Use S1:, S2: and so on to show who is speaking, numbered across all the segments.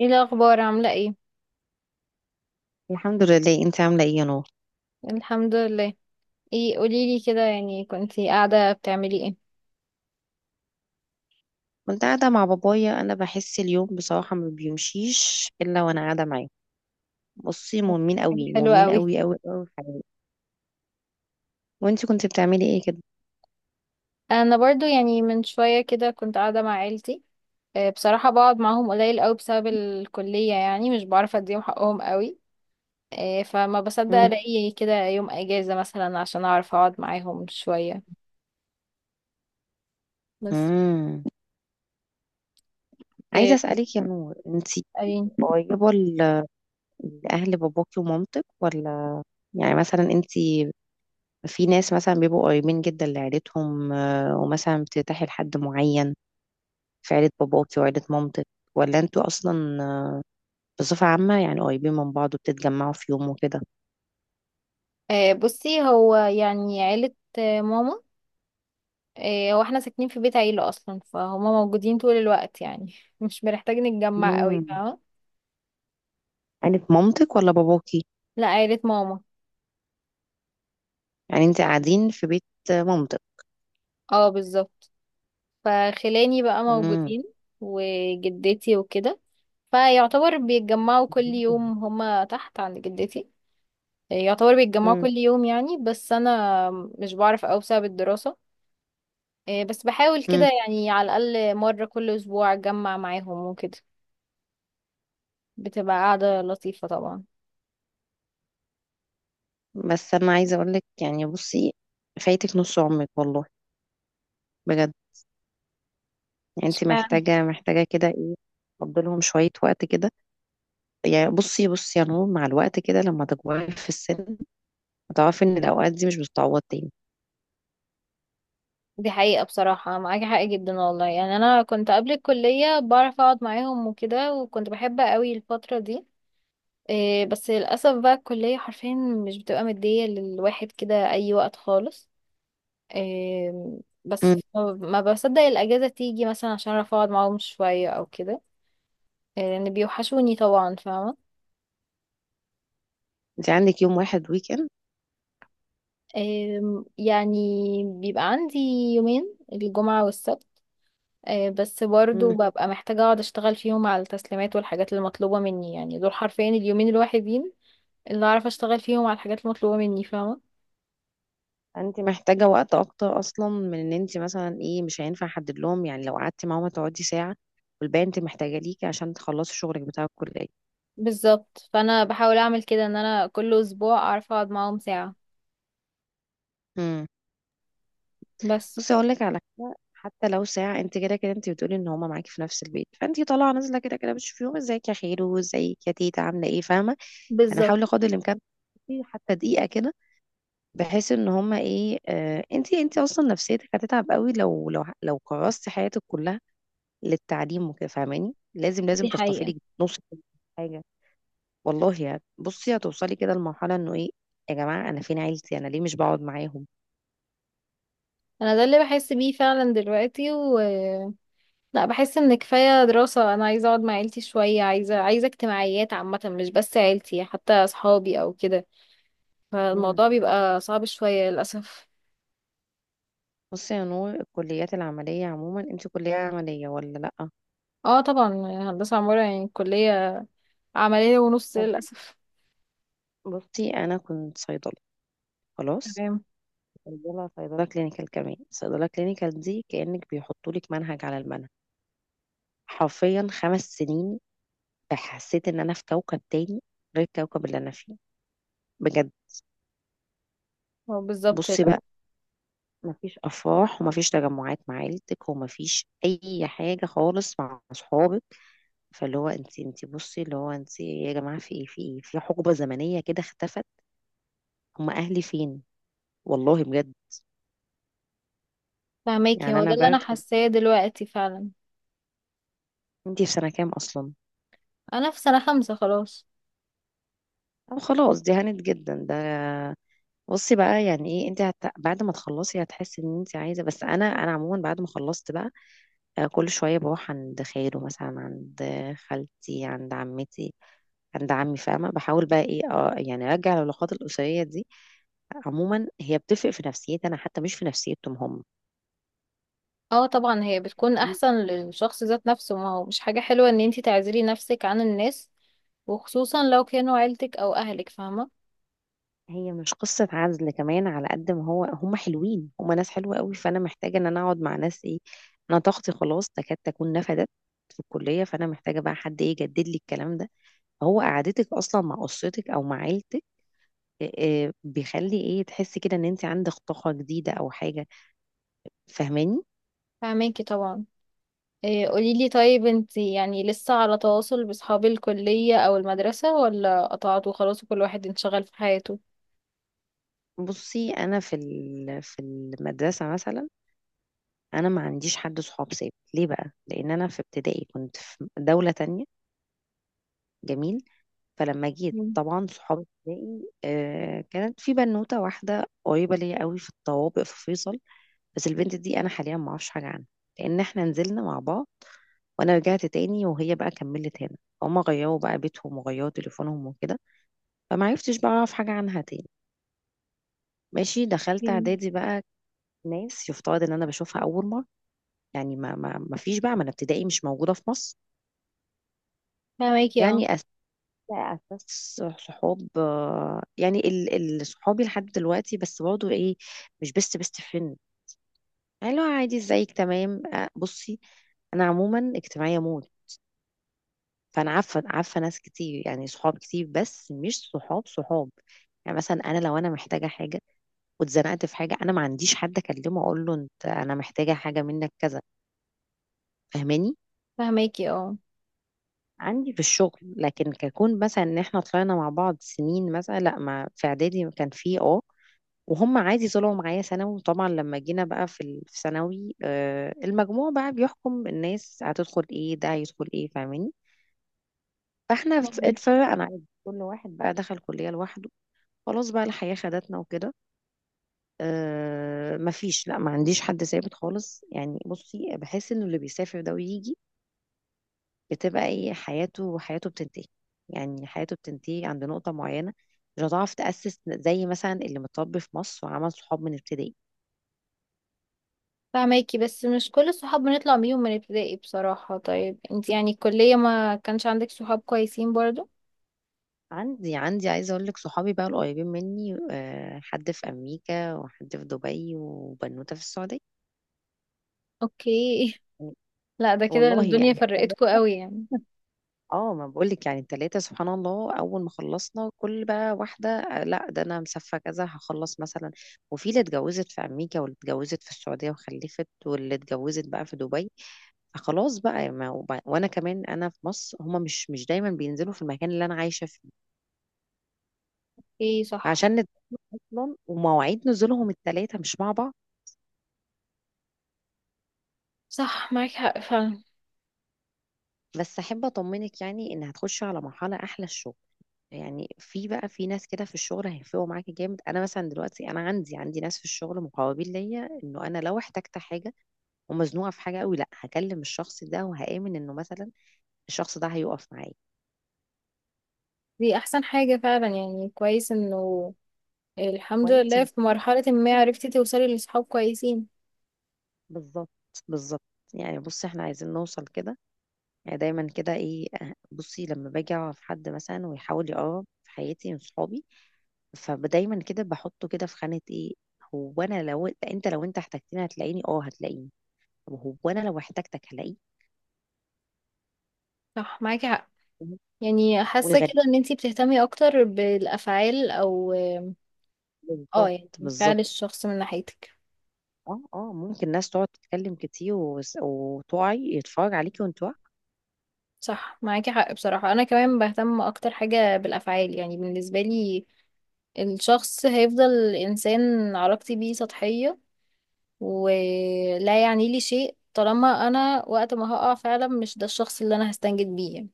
S1: ايه الاخبار؟ عامله ايه؟
S2: الحمد لله، انت عامله ايه يا نور؟
S1: الحمد لله. ايه، قوليلي كده، يعني كنتي قاعده بتعملي ايه؟
S2: كنت قاعده مع بابايا. انا بحس اليوم بصراحه ما بيمشيش الا وانا قاعده معاه. بصي، مهمين
S1: حاجه
S2: قوي،
S1: حلوه
S2: مهمين
S1: قوي.
S2: قوي قوي قوي في حياتي. وانت كنت بتعملي ايه كده؟
S1: انا برضو يعني من شويه كده كنت قاعده مع عيلتي. آه، بصراحه بقعد معاهم قليل قوي بسبب الكليه، يعني مش بعرف اديهم حقهم قوي. آه، فما بصدق
S2: مم.
S1: الاقي كده يوم اجازه مثلا عشان اعرف اقعد معاهم شويه. بس.
S2: مم. عايزه
S1: آه،
S2: اسالك يا نور، انت
S1: قالين.
S2: قريبه لاهل باباكي ومامتك، ولا... يعني مثلا انت، في ناس مثلا بيبقوا قريبين جدا لعيلتهم، ومثلا بترتاحي لحد معين، في عيله باباكي وعيله مامتك، ولا انتوا اصلا، بصفه عامه يعني قريبين من بعض وبتتجمعوا في يوم وكده؟
S1: آه، بصي، هو يعني عيله ماما. إيه، هو احنا ساكنين في بيت عيلة اصلا، فهما موجودين طول الوقت يعني مش بنحتاج نتجمع قوي،
S2: مم.
S1: فاهمة؟
S2: قالت مامتك ولا باباكي؟
S1: لا، عيلة ماما.
S2: يعني انت قاعدين في بيت مامتك؟
S1: اه، بالظبط. فخلاني بقى
S2: مم.
S1: موجودين وجدتي وكده، فيعتبر بيتجمعوا كل يوم هما تحت عند جدتي. إيه، يعتبر بيتجمعوا كل
S2: مم.
S1: يوم يعني، بس انا مش بعرف اوي بسبب الدراسة. إيه، بس بحاول
S2: مم.
S1: كده، يعني على الاقل مرة كل اسبوع اتجمع معاهم وكده. بتبقى قاعدة لطيفة طبعا.
S2: بس انا عايزه اقول لك، يعني بصي، فايتك نص عمرك والله، بجد. يعني انت
S1: اشمعنى؟
S2: محتاجه كده ايه، تفضلهم شويه وقت كده. يعني بصي بصي يا نور، مع الوقت كده لما تكبري في السن هتعرفي ان الاوقات دي مش بتتعوض تاني.
S1: دي حقيقة، بصراحة معاكي حق جدا والله، يعني أنا كنت قبل الكلية بعرف أقعد معاهم وكده، وكنت بحب قوي الفترة دي. إيه، بس للأسف بقى الكلية حرفيا مش بتبقى مدية للواحد كده أي وقت خالص. إيه، بس
S2: مم.
S1: ما بصدق الأجازة تيجي مثلا عشان أعرف أقعد معاهم شوية أو كده. إيه، لأن بيوحشوني طبعا، فاهمة؟
S2: انت عندك يوم واحد ويك
S1: إيه، يعني بيبقى عندي يومين، الجمعة والسبت. آه، بس برضو
S2: اند.
S1: ببقى محتاجة اقعد اشتغل فيهم على التسليمات والحاجات اللي مطلوبة مني، يعني دول حرفيا اليومين الوحيدين اللي اعرف اشتغل فيهم على الحاجات المطلوبة مني، فاهمة؟
S2: انت محتاجة وقت اكتر، اصلا من ان انت مثلا ايه، مش هينفع احدد لهم. يعني لو قعدتي معاهم هتقعدي ساعة، والباقي انت محتاجة ليكي عشان تخلصي شغلك بتاع الكلية.
S1: بالظبط، فانا بحاول اعمل كده ان انا كل اسبوع اعرف اقعد معاهم ساعة.
S2: امم.
S1: بس.
S2: بصي اقول لك على حاجة، حتى لو ساعة انت كده كده انت بتقولي ان هما معاكي في نفس البيت، فانت طالعة نازلة كده كده بتشوفيهم، ازيك يا خيرو، ازيك يا تيتا عاملة ايه، فاهمة. انا
S1: بالظبط.
S2: هحاول قدر الامكان تقعدي حتى دقيقة كده، بحيث ان هما ايه، انت اصلا نفسيتك هتتعب قوي لو كرستي حياتك كلها للتعليم وكده، فاهماني. لازم لازم
S1: دي حقيقة.
S2: تحتفلي نص حاجه، والله. يعني بصي، هتوصلي كده لمرحله انه ايه، يا جماعه انا فين عيلتي، انا ليه مش بقعد معاهم.
S1: انا ده اللي بحس بيه فعلا دلوقتي، و لا، بحس ان كفاية دراسة، انا عايزة اقعد مع عيلتي شوية، عايزة عايزة اجتماعيات عامة، مش بس عيلتي، حتى اصحابي او كده.
S2: مم.
S1: فالموضوع بيبقى صعب شوية للأسف.
S2: بصي يا نور، الكليات العمليه عموما، انت كليه عمليه ولا لا؟
S1: اه طبعا. هندسة عمارة يعني الكلية، عملية ونص
S2: طب
S1: للأسف.
S2: بصي، انا كنت صيدله، خلاص.
S1: تمام.
S2: صيدلة كلينيكال، كمان صيدله كلينيكال دي كانك بيحطوا لك منهج على المنهج، حرفيا 5 سنين. حسيت ان انا في كوكب تاني غير الكوكب اللي انا فيه، بجد.
S1: هو بالظبط
S2: بصي
S1: للأسف.
S2: بقى، مفيش افراح ومفيش تجمعات مع عيلتك ومفيش اي حاجه خالص مع اصحابك. فاللي هو انت بصي، اللي هو انت يا جماعه في ايه، في ايه، في حقبه زمنيه كده اختفت، هم اهلي فين؟ والله بجد.
S1: فهماكي،
S2: يعني
S1: هو
S2: انا
S1: ده اللي أنا
S2: برجع،
S1: حاساه دلوقتي فعلا.
S2: انت في سنه كام اصلا؟
S1: أنا في سنة خمسة خلاص.
S2: أو خلاص، دي هانت جدا ده. بصي بقى، يعني ايه انت بعد ما تخلصي هتحسي ان انت عايزه. بس انا، عموما بعد ما خلصت بقى، كل شويه بروح عند خاله مثلا، عند خالتي، عند عمتي، عند عمي، فاهمة، بحاول بقى ايه يعني ارجع العلاقات الأسرية دي. عموما هي بتفرق في نفسيتي انا، حتى مش في نفسيتهم هم.
S1: اه طبعا، هي بتكون أحسن للشخص ذات نفسه، ما هو مش حاجة حلوة إن انتي تعزلي نفسك عن الناس، وخصوصا لو كانوا عيلتك أو أهلك، فاهمة؟
S2: هي مش قصة عزل كمان، على قد ما هو هم حلوين، هم ناس حلوة قوي، فانا محتاجة ان انا اقعد مع ناس ايه. انا طاقتي خلاص تكاد تكون نفدت في الكلية، فانا محتاجة بقى حد ايه يجدد لي الكلام ده. هو قعدتك اصلا مع اسرتك او مع عيلتك آه، بيخلي ايه تحسي كده ان انت عندك طاقة جديدة او حاجة، فاهماني.
S1: فهماكي طبعا. إيه، قوليلي، طيب انتي يعني لسه على تواصل بأصحاب الكلية أو المدرسة، ولا قطعتوا خلاص وكل واحد انشغل في حياته؟
S2: بصي انا في في المدرسة مثلا، انا ما عنديش حد صحاب ثابت. ليه بقى؟ لان انا في ابتدائي كنت في دولة تانية، جميل. فلما جيت طبعا صحاب ابتدائي، كانت في بنوتة واحدة قريبة ليا قوي في الطوابق في فيصل. بس البنت دي انا حاليا ما اعرفش حاجة عنها، لان احنا نزلنا مع بعض وانا رجعت تاني وهي بقى كملت هنا. هما غيروا بقى بيتهم وغيروا تليفونهم وكده، فما عرفتش بقى اعرف حاجة عنها تاني. ماشي، دخلت
S1: مم.
S2: اعدادي بقى، ناس يفترض ان انا بشوفها اول مرة. يعني ما فيش بقى، ما انا ابتدائي مش موجودة في مصر.
S1: فهماكي اه.
S2: يعني لا اساس. صحاب، يعني صحابي لحد دلوقتي، بس برضه ايه، مش بيست فريند. يعني لو عادي، ازيك، تمام، بصي، انا عموما اجتماعيه موت، فانا عارفه ناس كتير، يعني صحاب كتير، بس مش صحاب صحاب. يعني مثلا انا لو انا محتاجه حاجه واتزنقت في حاجه، انا ما عنديش حد اكلمه اقول له انت انا محتاجه حاجه منك كذا، فاهماني.
S1: فهماكي اه.
S2: عندي في الشغل، لكن ككون مثلا ان احنا طلعنا مع بعض سنين مثلا، لا. ما في اعدادي كان في وهم عادي طلعوا معايا ثانوي. وطبعا لما جينا بقى في في ثانوي، المجموع بقى بيحكم الناس هتدخل ايه، ده هيدخل ايه، فاهماني. فاحنا
S1: فهماكي.
S2: اتفرقنا عادي، كل واحد بقى دخل كلية لوحده. خلاص بقى الحياة خدتنا وكده. مفيش، لا، ما عنديش حد ثابت خالص. يعني بصي، بحس انه اللي بيسافر ده ويجي بتبقى ايه حياته، حياته بتنتهي. يعني حياته بتنتهي عند نقطة معينة، مش هتعرف تأسس زي مثلا اللي متربي في مصر وعمل صحاب من ابتدائي.
S1: فهماكي، بس مش كل الصحاب بنطلع بيهم من ابتدائي بصراحة. طيب انت يعني الكلية ما كانش عندك صحاب كويسين برضو؟
S2: عندي عايزة اقول لك، صحابي بقى القريبين مني، حد في امريكا وحد في دبي وبنوتة في السعودية.
S1: اوكي. لا، ده كده
S2: والله
S1: الدنيا
S2: يعني
S1: فرقتكوا قوي يعني.
S2: ما بقول لك، يعني التلاتة سبحان الله اول ما خلصنا، كل بقى واحدة، لا ده انا مسافة كذا هخلص مثلا. وفي اللي اتجوزت في امريكا، واللي اتجوزت في السعودية وخلفت، واللي اتجوزت بقى في دبي. فخلاص بقى، يعني ما وب- وانا كمان انا في مصر، هما مش دايما بينزلوا في المكان اللي انا عايشة فيه،
S1: ايه، صح.
S2: عشان اصلا ومواعيد نزولهم التلاتة مش مع بعض.
S1: صح معاك حق فعلا.
S2: بس احب اطمنك يعني ان هتخشي على مرحله احلى، الشغل. يعني في بقى في ناس كده في الشغل هيفرقوا معاكي جامد، انا مثلا دلوقتي انا عندي ناس في الشغل مقربين ليا، انه انا لو احتجت حاجه ومزنوقه في حاجه قوي، لا هكلم الشخص ده وهامن انه مثلا الشخص ده هيقف معايا.
S1: دي احسن حاجة فعلا، يعني كويس انه الحمد
S2: كويس
S1: لله
S2: إن
S1: في مرحلة ما
S2: إحنا-
S1: عرفتي توصلي لصحاب كويسين.
S2: بالظبط، بالظبط. يعني بصي احنا عايزين نوصل كده. يعني دايما كده ايه أه، بصي، لما باجي اعرف حد مثلا ويحاول يقرب في حياتي من صحابي، فدايما كده بحطه كده في خانة ايه، هو انا لو انت احتجتني هتلاقيني، هتلاقيني. طب هو انا لو احتجتك هلاقيك؟
S1: صح معاكي حق. يعني حاسة
S2: والغريب،
S1: كده ان انتي بتهتمي اكتر بالافعال او اه
S2: بالظبط،
S1: يعني
S2: بالظبط.
S1: فعل الشخص من ناحيتك.
S2: اه ممكن ناس تقعد تتكلم كتير، وتقعي يتفرج عليكي وانت واقعة.
S1: صح معاكي حق بصراحة، أنا كمان بهتم أكتر حاجة بالأفعال، يعني بالنسبة لي الشخص هيفضل إنسان علاقتي بيه سطحية ولا يعني لي شيء طالما أنا وقت ما هقع فعلا مش ده الشخص اللي أنا هستنجد بيه يعني.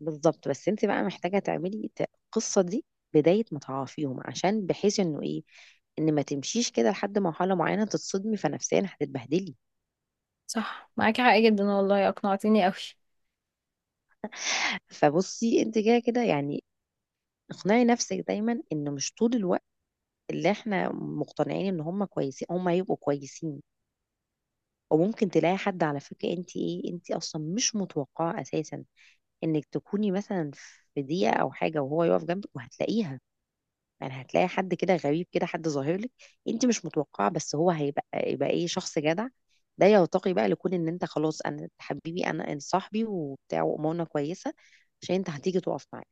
S2: بالظبط. بس انت بقى محتاجة تعملي القصة دي بداية ما تعرفيهم، عشان بحيث انه ايه، ان ما تمشيش كده لحد مرحلة معينة تتصدمي، فنفسيا هتتبهدلي.
S1: صح معاكي حق جدا والله، أقنعتيني أوي.
S2: فبصي انت كده كده يعني، اقنعي نفسك دايما ان مش طول الوقت اللي احنا مقتنعين ان هم كويسين هم هيبقوا كويسين. وممكن تلاقي حد على فكرة، انت انت اصلا مش متوقعة اساسا انك تكوني مثلا في دقيقة او حاجة وهو يقف جنبك وهتلاقيها. يعني هتلاقي حد كده غريب كده، حد ظاهر لك انت مش متوقعة، بس هو هيبقى ايه شخص جدع. ده يرتقي بقى لكون ان انت خلاص، انا حبيبي انا، انت صاحبي وبتاع وامورنا كويسة عشان انت هتيجي تقف معايا.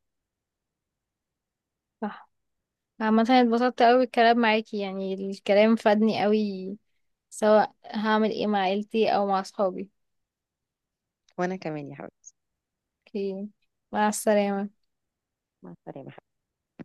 S1: صح. عامة اتبسطت أوي الكلام معاكي، يعني الكلام فادني أوي، سواء هعمل ايه مع عيلتي أو مع صحابي.
S2: وانا كمان يا حبيبتي.
S1: اوكي. مع السلامة.
S2: مع السلامة.